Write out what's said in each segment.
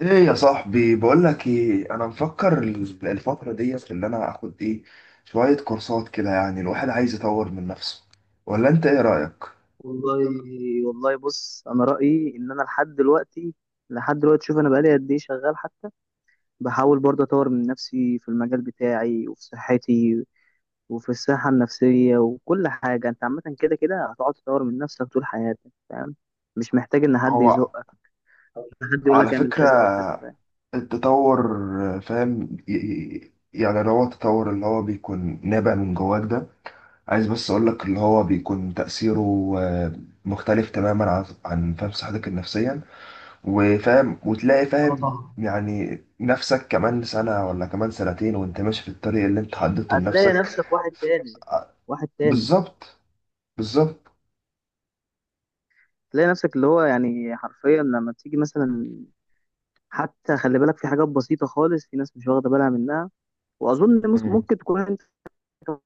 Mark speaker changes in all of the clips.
Speaker 1: ايه يا صاحبي، بقول لك ايه. انا مفكر الفتره ديت اللي انا اخد ايه شويه كورسات كده. يعني الواحد عايز يطور من نفسه. ولا انت ايه رايك؟
Speaker 2: والله، بص انا رايي ان انا لحد دلوقتي، شوف انا بقالي قد ايه شغال حتى. بحاول برضه اطور من نفسي في المجال بتاعي وفي صحتي وفي الصحه النفسيه وكل حاجه. انت عامه كده كده هتقعد تطور من نفسك طول حياتك، فاهم؟ مش محتاج ان حد
Speaker 1: هو
Speaker 2: يزقك او ان حد يقول
Speaker 1: على
Speaker 2: لك اعمل كذا او كذا،
Speaker 1: فكره
Speaker 2: فاهم؟
Speaker 1: التطور، فاهم؟ يعني اللي هو التطور اللي هو بيكون نابع من جواك ده. عايز بس اقول لك اللي هو بيكون تاثيره آه، مختلف تماما عن فاهم صحتك النفسيه. وفاهم وتلاقي
Speaker 2: اه،
Speaker 1: فاهم
Speaker 2: طبعا.
Speaker 1: يعني نفسك كمان سنة ولا كمان سنتين وانت ماشي في الطريق اللي انت حددته
Speaker 2: هتلاقي
Speaker 1: لنفسك.
Speaker 2: نفسك واحد تاني، واحد تاني.
Speaker 1: بالظبط، بالظبط.
Speaker 2: هتلاقي نفسك اللي هو يعني حرفيا لما تيجي مثلا حتى. خلي بالك في حاجات بسيطة خالص، في ناس مش واخدة بالها منها، واظن
Speaker 1: مم.
Speaker 2: ممكن تكون انت كمان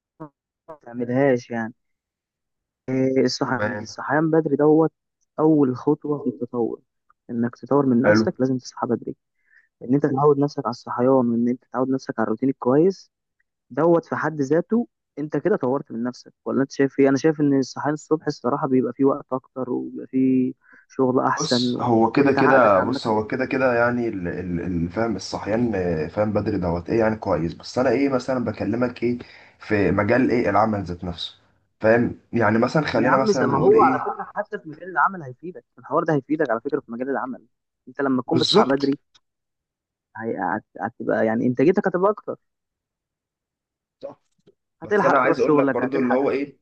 Speaker 2: ما تعملهاش يعني. الصحيان دي،
Speaker 1: تمام.
Speaker 2: الصحيان بدري دوت اول خطوه في التطور. انك تطور من
Speaker 1: حلو.
Speaker 2: نفسك لازم تصحى بدري. ان انت تعود نفسك على الصحيان، وان انت تعود نفسك على الروتين الكويس دوت في حد ذاته. انت كده طورت من نفسك، ولا انت شايف ايه؟ انا شايف ان الصحيان الصبح الصراحه بيبقى فيه وقت اكتر، وبيبقى فيه شغل احسن
Speaker 1: بص هو كده
Speaker 2: وانت عقلك
Speaker 1: كده،
Speaker 2: عامه
Speaker 1: يعني فاهم الصحيان، فاهم بدري دوت ايه يعني، كويس. بس انا ايه مثلا بكلمك ايه في مجال ايه العمل ذات نفسه، فاهم؟ يعني مثلا
Speaker 2: يا
Speaker 1: خلينا
Speaker 2: عم،
Speaker 1: مثلا
Speaker 2: ما
Speaker 1: نقول
Speaker 2: هو على
Speaker 1: ايه.
Speaker 2: فكره حتى في مجال العمل هيفيدك، الحوار ده هيفيدك على فكره في مجال العمل. انت لما تكون بتصحى
Speaker 1: بالظبط.
Speaker 2: بدري، هتبقى يعني انتاجيتك هتبقى اكتر.
Speaker 1: صح. بس
Speaker 2: هتلحق
Speaker 1: انا
Speaker 2: تروح
Speaker 1: عايز اقول لك
Speaker 2: شغلك،
Speaker 1: برضو اللي
Speaker 2: هتلحق
Speaker 1: هو
Speaker 2: تعيش.
Speaker 1: ايه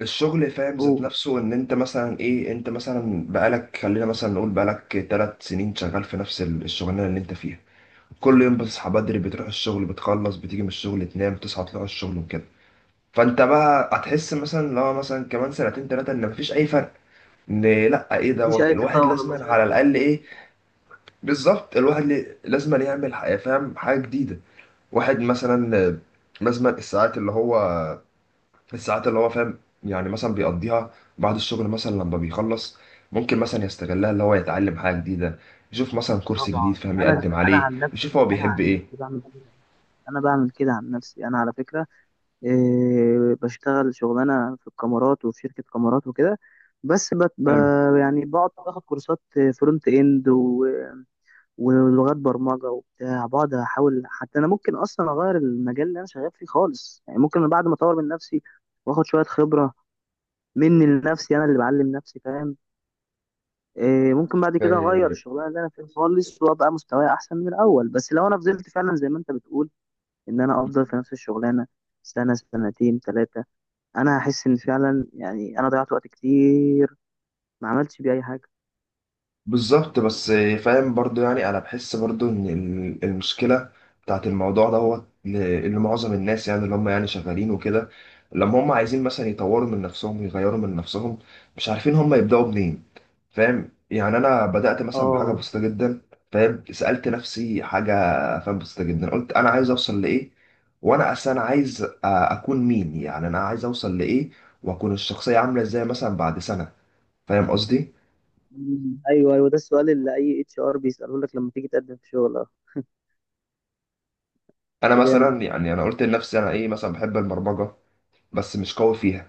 Speaker 1: الشغل فاهم ذات
Speaker 2: هو،
Speaker 1: نفسه، ان انت مثلا ايه، انت مثلا بقالك، خلينا مثلا نقول، بقالك ثلاث سنين شغال في نفس الشغلانه اللي انت فيها. كل يوم بتصحى بدري بتروح الشغل بتخلص بتيجي من الشغل تنام تصحى تروح الشغل وكده. فانت بقى هتحس مثلا لو مثلا كمان سنتين ثلاثه ان مفيش اي فرق. ان لا، ايه
Speaker 2: مفيش
Speaker 1: دوت
Speaker 2: اي
Speaker 1: الواحد
Speaker 2: تطور،
Speaker 1: لازما
Speaker 2: مفيش اي
Speaker 1: على
Speaker 2: تطور.
Speaker 1: الاقل ايه. بالظبط. الواحد لازما يعمل فاهم حاجه جديده. واحد مثلا لازما الساعات اللي هو، فاهم يعني مثلا بيقضيها بعد الشغل مثلا لما بيخلص، ممكن مثلا يستغلها اللي هو يتعلم حاجة جديدة، يشوف مثلا كورس جديد
Speaker 2: طبعا،
Speaker 1: فاهم،
Speaker 2: انا
Speaker 1: يقدم
Speaker 2: انا
Speaker 1: عليه،
Speaker 2: عن
Speaker 1: يشوف هو
Speaker 2: نفسي، انا
Speaker 1: بيحب
Speaker 2: عن
Speaker 1: ايه.
Speaker 2: نفسي بعمل كده. انا بعمل كده عن نفسي انا، على فكره. بشتغل شغلانه في الكاميرات وفي شركه كاميرات وكده. بس بت ب
Speaker 1: حلو.
Speaker 2: يعني بقعد باخد كورسات فرونت اند ولغات برمجه وبتاع. بقعد احاول، حتى انا ممكن اصلا اغير المجال اللي انا شغال فيه خالص. يعني ممكن بعد ما اطور من نفسي واخد شويه خبره مني لنفسي، انا اللي بعلم نفسي، فاهم؟ ممكن بعد كده اغير
Speaker 1: آه،
Speaker 2: الشغلانه اللي انا فيها خالص، وابقى مستواي احسن من الاول. بس لو انا فضلت فعلا زي ما انت بتقول، ان انا افضل في نفس الشغلانه سنه سنتين ثلاثه، انا هحس ان فعلا يعني انا ضيعت وقت كتير، ما عملتش بيه اي حاجه.
Speaker 1: بالظبط. بس فاهم برضو، يعني انا بحس برضو ان المشكلة بتاعت الموضوع دوت اللي معظم الناس، يعني اللي هم يعني شغالين وكده، لما هم عايزين مثلا يطوروا من نفسهم ويغيروا من نفسهم، مش عارفين هم يبدأوا منين. فاهم؟ يعني انا بدات مثلا بحاجه
Speaker 2: اه.
Speaker 1: بسيطه جدا. فاهم، سالت نفسي حاجه، فاهم، بسيطه جدا. قلت انا عايز اوصل لايه، وانا اصلا عايز اكون مين، يعني انا عايز اوصل لايه، واكون الشخصيه عامله ازاي مثلا بعد سنه. فاهم قصدي؟
Speaker 2: مم. ايوه، ايوه، ده السؤال اللي اي اتش ار بيساله لك لما تيجي تقدم في شغل. اه
Speaker 1: انا
Speaker 2: جامد.
Speaker 1: مثلا، يعني انا قلت لنفسي انا ايه، مثلا بحب البرمجه بس مش قوي فيها.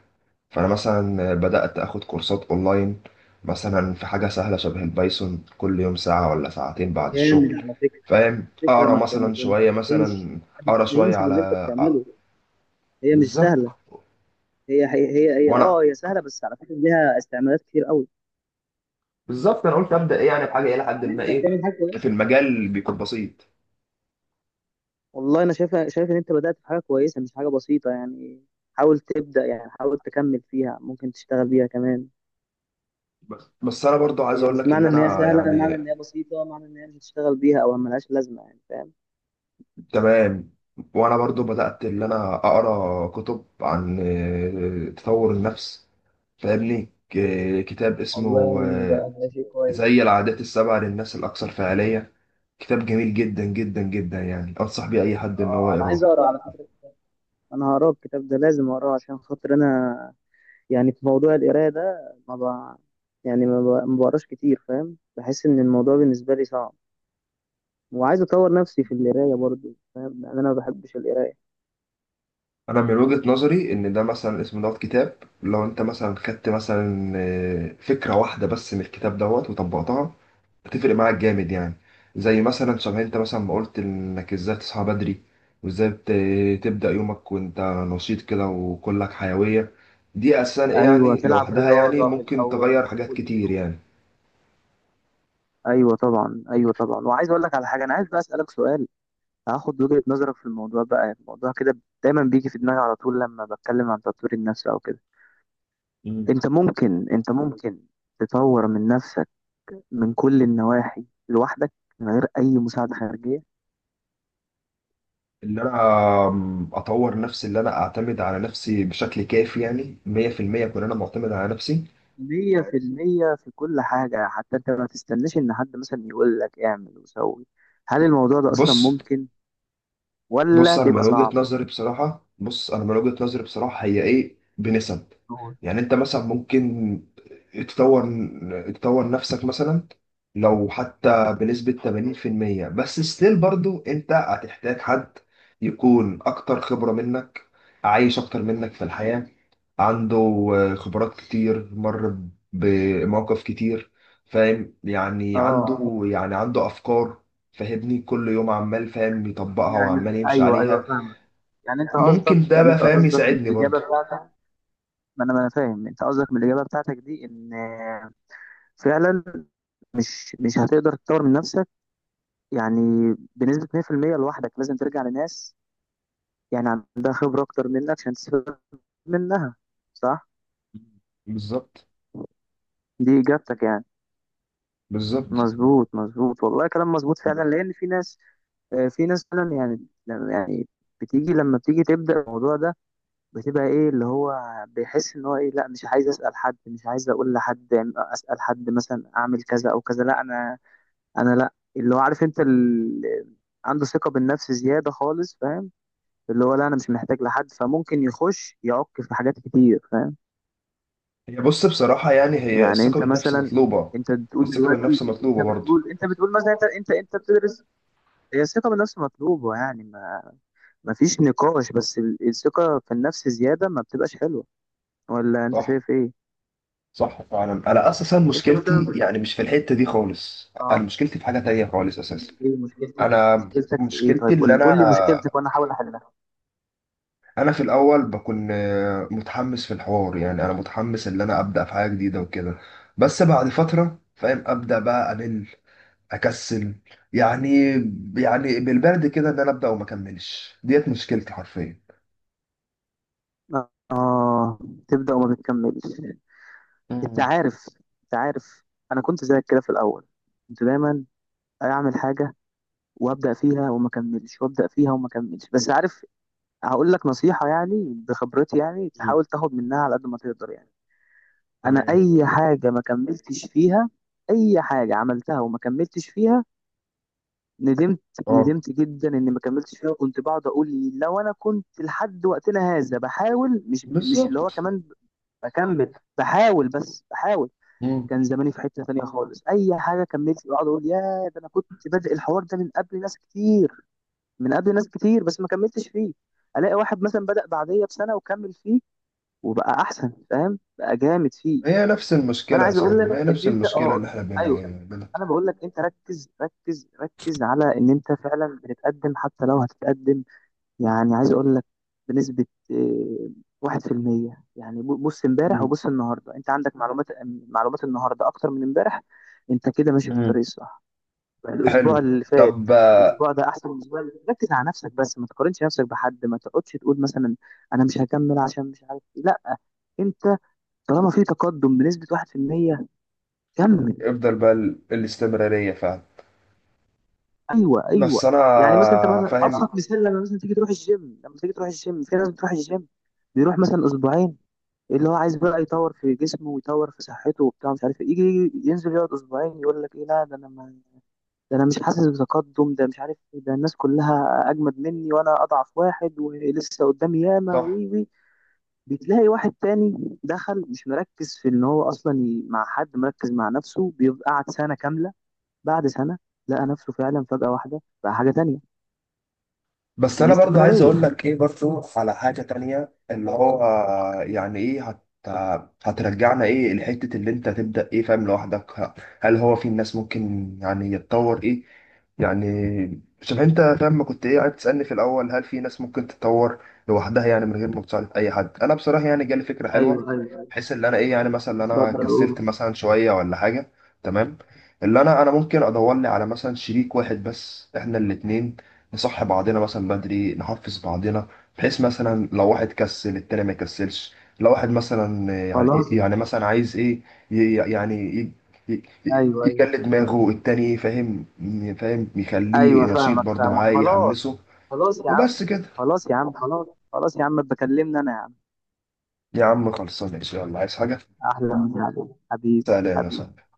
Speaker 1: فانا مثلا بدات اخد كورسات اونلاين مثلا في حاجه سهله شبه البايثون، كل يوم ساعه ولا ساعتين بعد
Speaker 2: جامد
Speaker 1: الشغل،
Speaker 2: على فكره.
Speaker 1: فاهم،
Speaker 2: فكره،
Speaker 1: اقرا مثلا
Speaker 2: ما
Speaker 1: شويه
Speaker 2: تستهينش،
Speaker 1: مثلا،
Speaker 2: ما
Speaker 1: اقرا شويه
Speaker 2: تستهينش
Speaker 1: على
Speaker 2: باللي انت
Speaker 1: آه،
Speaker 2: بتعمله. هي مش
Speaker 1: بالظبط.
Speaker 2: سهله.
Speaker 1: وانا
Speaker 2: هي سهله، بس على فكره ليها استعمالات كتير قوي.
Speaker 1: بالظبط انا قلت ابدا ايه يعني بحاجه الى حد
Speaker 2: يعني
Speaker 1: ما
Speaker 2: انت
Speaker 1: ايه
Speaker 2: بتعمل حاجه
Speaker 1: في
Speaker 2: كويسه.
Speaker 1: المجال اللي بيكون بسيط.
Speaker 2: والله انا شايف ان انت بدات في حاجه كويسه، مش حاجه بسيطه يعني. حاول تبدا، يعني حاول تكمل فيها. ممكن تشتغل بيها كمان.
Speaker 1: بس انا برضو عايز
Speaker 2: هي
Speaker 1: اقول
Speaker 2: مش
Speaker 1: لك ان
Speaker 2: معنى ان هي
Speaker 1: انا
Speaker 2: سهله، معنى
Speaker 1: يعني
Speaker 2: ان هي بسيطه، معنى ان هي مش هتشتغل بيها او ملهاش لازمه يعني، فاهم؟
Speaker 1: تمام. وانا برضو بدات ان انا اقرا كتب عن تطور النفس. فاهمني كتاب اسمه
Speaker 2: والله ده شيء كويس.
Speaker 1: زي العادات السبع للناس الاكثر فعاليه. كتاب جميل جدا جدا جدا، يعني انصح بيه اي حد ان هو
Speaker 2: اه، انا
Speaker 1: يقراه.
Speaker 2: عايز اقرا على فكره. انا هقرا الكتاب ده، لازم اقراه عشان خاطر انا يعني في موضوع القرايه ده ما ب... يعني ما بقراش كتير، فاهم؟ بحس ان الموضوع بالنسبه لي صعب، وعايز اطور نفسي في القرايه برضو، فاهم؟ لان انا ما بحبش القرايه.
Speaker 1: انا من وجهة نظري ان ده مثلا اسم دوت كتاب، لو انت مثلا خدت مثلا فكرة واحدة بس من الكتاب دوت وطبقتها، هتفرق معاك جامد يعني. زي مثلا شبه انت مثلا ما قلت، انك ازاي تصحى بدري وازاي تبدأ يومك وانت نشيط كده وكلك حيوية. دي اساسا ايه
Speaker 2: ايوه،
Speaker 1: يعني
Speaker 2: تلعب
Speaker 1: لوحدها يعني
Speaker 2: رياضه في
Speaker 1: ممكن
Speaker 2: الاول،
Speaker 1: تغير
Speaker 2: في
Speaker 1: حاجات
Speaker 2: اول
Speaker 1: كتير
Speaker 2: اليوم.
Speaker 1: يعني.
Speaker 2: ايوه طبعا، ايوه طبعا، وعايز اقول لك على حاجه، انا عايز بقى اسالك سؤال. هاخد وجهه نظرك في الموضوع بقى. الموضوع كده دايما بيجي في دماغي على طول لما بتكلم عن تطوير النفس او كده.
Speaker 1: مم.
Speaker 2: انت ممكن تطور من نفسك من كل النواحي لوحدك، من غير اي مساعده خارجيه،
Speaker 1: ان انا اطور نفسي اللي انا اعتمد على نفسي بشكل كافي، يعني 100% اكون انا معتمد على نفسي.
Speaker 2: 100%، في كل حاجة؟ حتى انت ما تستناش ان حد مثلا يقول لك اعمل وسوي. هل الموضوع ده اصلا
Speaker 1: بص.
Speaker 2: ممكن،
Speaker 1: بص
Speaker 2: ولا
Speaker 1: انا
Speaker 2: بيبقى
Speaker 1: من وجهة
Speaker 2: صعب؟
Speaker 1: نظري بصراحة بص انا من وجهة نظري بصراحة، هي ايه بنسب.
Speaker 2: هو-
Speaker 1: يعني انت مثلا ممكن تطور تطور نفسك مثلا لو حتى بنسبة 80%، بس ستيل برضو انت هتحتاج حد يكون اكتر خبرة منك، عايش اكتر منك في الحياة، عنده خبرات كتير، مر بمواقف كتير. فاهم يعني
Speaker 2: اه
Speaker 1: عنده، يعني عنده افكار، فاهمني، كل يوم عمال فاهم يطبقها
Speaker 2: يعني
Speaker 1: وعمال يمشي
Speaker 2: ايوه، ايوه،
Speaker 1: عليها.
Speaker 2: فاهمك. يعني انت قصدك،
Speaker 1: ممكن ده بقى فاهم
Speaker 2: من
Speaker 1: يساعدني
Speaker 2: الاجابه
Speaker 1: برضه.
Speaker 2: بتاعتك. ما انا فاهم انت قصدك من الاجابه بتاعتك دي، ان فعلا مش هتقدر تطور من نفسك يعني بنسبه 100% لوحدك، لازم ترجع لناس يعني عندها خبره اكتر منك عشان تستفيد منها، صح؟
Speaker 1: بالظبط،
Speaker 2: دي اجابتك يعني.
Speaker 1: بالظبط.
Speaker 2: مظبوط، مظبوط، والله كلام مظبوط فعلا. لان في ناس، في ناس فعلا يعني يعني لما بتيجي تبدا الموضوع ده، بتبقى ايه اللي هو بيحس ان هو ايه، لا مش عايز اسال حد، مش عايز اقول لحد يعني اسال حد مثلا اعمل كذا او كذا. لا انا، انا لا اللي هو عارف انت اللي عنده ثقه بالنفس زياده خالص، فاهم؟ اللي هو لا انا مش محتاج لحد، فممكن يخش يعك في حاجات كتير، فاهم؟
Speaker 1: هي بص بصراحة يعني، هي
Speaker 2: يعني
Speaker 1: الثقة
Speaker 2: انت
Speaker 1: بالنفس
Speaker 2: مثلا،
Speaker 1: مطلوبة.
Speaker 2: انت بتقول
Speaker 1: الثقة
Speaker 2: دلوقتي
Speaker 1: بالنفس مطلوبة برضه.
Speaker 2: انت بتقول مثلا انت بتدرس. هي الثقة بالنفس مطلوبة، يعني ما فيش نقاش. بس الثقة في النفس زيادة ما بتبقاش حلوة، ولا انت
Speaker 1: صح.
Speaker 2: شايف ايه؟
Speaker 1: صح فعلا. أنا أساسا
Speaker 2: انت
Speaker 1: مشكلتي
Speaker 2: مثلا،
Speaker 1: يعني مش في الحتة دي خالص. أنا
Speaker 2: اه
Speaker 1: مشكلتي في حاجة تانية خالص أساسا.
Speaker 2: ايه مشكلتك؟
Speaker 1: أنا
Speaker 2: مشكلتك في ايه؟
Speaker 1: مشكلتي
Speaker 2: طيب قول
Speaker 1: اللي
Speaker 2: لي،
Speaker 1: أنا،
Speaker 2: قول لي مشكلتك وانا احاول احلها.
Speaker 1: في الأول بكون متحمس في الحوار. يعني أنا متحمس إن أنا أبدأ في حاجة جديدة وكده، بس بعد فترة فاهم أبدأ بقى أمل، اكسل يعني. بالبرد كده ان انا ابدا وما اكملش، ديت مشكلتي حرفيا.
Speaker 2: اه، تبدأ وما بتكملش. انت
Speaker 1: مم.
Speaker 2: عارف، انت عارف انا كنت زيك كده في الاول. كنت دايما اعمل حاجة وابدأ فيها وما اكملش، وابدأ فيها وما اكملش. بس عارف، هقول لك نصيحة يعني بخبرتي، يعني
Speaker 1: مم.
Speaker 2: تحاول تاخد منها على قد ما تقدر يعني. انا
Speaker 1: تمام.
Speaker 2: اي حاجه ما كملتش فيها، اي حاجه عملتها وما كملتش فيها، ندمت.
Speaker 1: اه.
Speaker 2: ندمت جدا اني ما كملتش فيها. وكنت بقعد اقول، لو انا كنت لحد وقتنا هذا بحاول، مش اللي هو
Speaker 1: بالظبط.
Speaker 2: كمان بكمل، بحاول بس بحاول،
Speaker 1: مم.
Speaker 2: كان زماني في حته ثانيه خالص. اي حاجه كملت بقعد اقول يا ده، انا كنت بادئ الحوار ده من قبل ناس كتير، من قبل ناس كتير، بس ما كملتش فيه. الاقي واحد مثلا بدأ بعديا بسنه وكمل فيه وبقى احسن، فاهم؟ بقى جامد فيه.
Speaker 1: هي نفس
Speaker 2: فانا
Speaker 1: المشكله يا
Speaker 2: عايز اقول
Speaker 1: صاحبي، ما
Speaker 2: لك
Speaker 1: هي
Speaker 2: ان
Speaker 1: نفس
Speaker 2: انت
Speaker 1: المشكله اللي احنا
Speaker 2: ايوه، انا بقول لك، انت ركز ركز ركز على ان انت فعلا بتتقدم، حتى لو هتتقدم يعني. عايز اقول لك بنسبة 1% يعني. بص امبارح
Speaker 1: مم.
Speaker 2: وبص النهاردة، انت عندك معلومات، معلومات النهاردة اكتر من امبارح. انت كده ماشي في
Speaker 1: مم.
Speaker 2: الطريق الصح. يعني
Speaker 1: حلو.
Speaker 2: الاسبوع اللي فات،
Speaker 1: طب
Speaker 2: الاسبوع ده احسن من الاسبوع اللي فات. ركز على نفسك بس، ما تقارنش نفسك بحد. ما تقعدش تقول مثلا انا مش هكمل عشان مش عارف ايه، لا. انت طالما في تقدم بنسبة 1%، كمل.
Speaker 1: افضل بقى الاستمراريه فعلا.
Speaker 2: ايوه، ايوه.
Speaker 1: بس انا
Speaker 2: يعني مثلا انت مثلا
Speaker 1: فاهم
Speaker 2: ابسط مثال، لما مثلا تيجي تروح الجيم، لما تيجي تروح الجيم، في ناس بتروح الجيم، بيروح مثلا اسبوعين اللي هو عايز بقى يطور في جسمه ويطور في صحته وبتاع مش عارف إيه. يجي، ينزل، يقعد اسبوعين، يقول لك ايه، لا ده انا ما ده انا مش حاسس بتقدم، ده مش عارف إيه، ده الناس كلها اجمد مني وانا اضعف واحد ولسه قدامي ياما
Speaker 1: صح.
Speaker 2: وي وي. بتلاقي واحد تاني دخل مش مركز في ان هو اصلا مع حد. مركز مع نفسه، بيبقى قعد سنه كامله. بعد سنه لقى نفسه فعلا فجاه واحده بقى حاجه تانية.
Speaker 1: بس انا برضه عايز
Speaker 2: الاستمرارية.
Speaker 1: اقول لك ايه برضه على حاجه تانية، اللي هو يعني ايه، هترجعنا ايه لحته، اللي انت تبدا ايه فاهم لوحدك. هل هو في الناس ممكن يعني يتطور ايه يعني. شوف انت فاهم، ما كنت ايه قاعد تسالني في الاول، هل في ناس ممكن تتطور لوحدها يعني من غير ما تساعد اي حد. انا بصراحه يعني جالي فكره
Speaker 2: ايوه،
Speaker 1: حلوه،
Speaker 2: ايوه، اتفضل.
Speaker 1: بحيث ان انا ايه يعني مثلا، إن انا
Speaker 2: اتفضل
Speaker 1: كسلت
Speaker 2: قول.
Speaker 1: مثلا شويه ولا حاجه. تمام. اللي انا، انا ممكن ادور لي على مثلا شريك واحد بس، احنا الاتنين نصح بعضنا مثلا بدري، نحفز بعضنا، بحيث مثلا لو واحد كسل التاني ما يكسلش. لو واحد مثلا يعني
Speaker 2: خلاص.
Speaker 1: مثلا عايز ايه، ي- يعني ي- يعني ي-
Speaker 2: ايوه، ايوه،
Speaker 1: يجلد دماغه التاني فاهم. فاهم يخليه
Speaker 2: ايوه،
Speaker 1: نشيط
Speaker 2: فاهمك،
Speaker 1: برضه
Speaker 2: فاهمك،
Speaker 1: معاه،
Speaker 2: خلاص.
Speaker 1: يحمسه.
Speaker 2: خلاص يا عم.
Speaker 1: وبس كده.
Speaker 2: خلاص يا عم خلاص. خلاص يا عم بكلمنا انا يا عم.
Speaker 1: يا عم خلصانه ان شاء الله، عايز حاجه؟
Speaker 2: احلى مسا عليك، حبيبي،
Speaker 1: سلام يا
Speaker 2: حبيبي.
Speaker 1: صاحبي.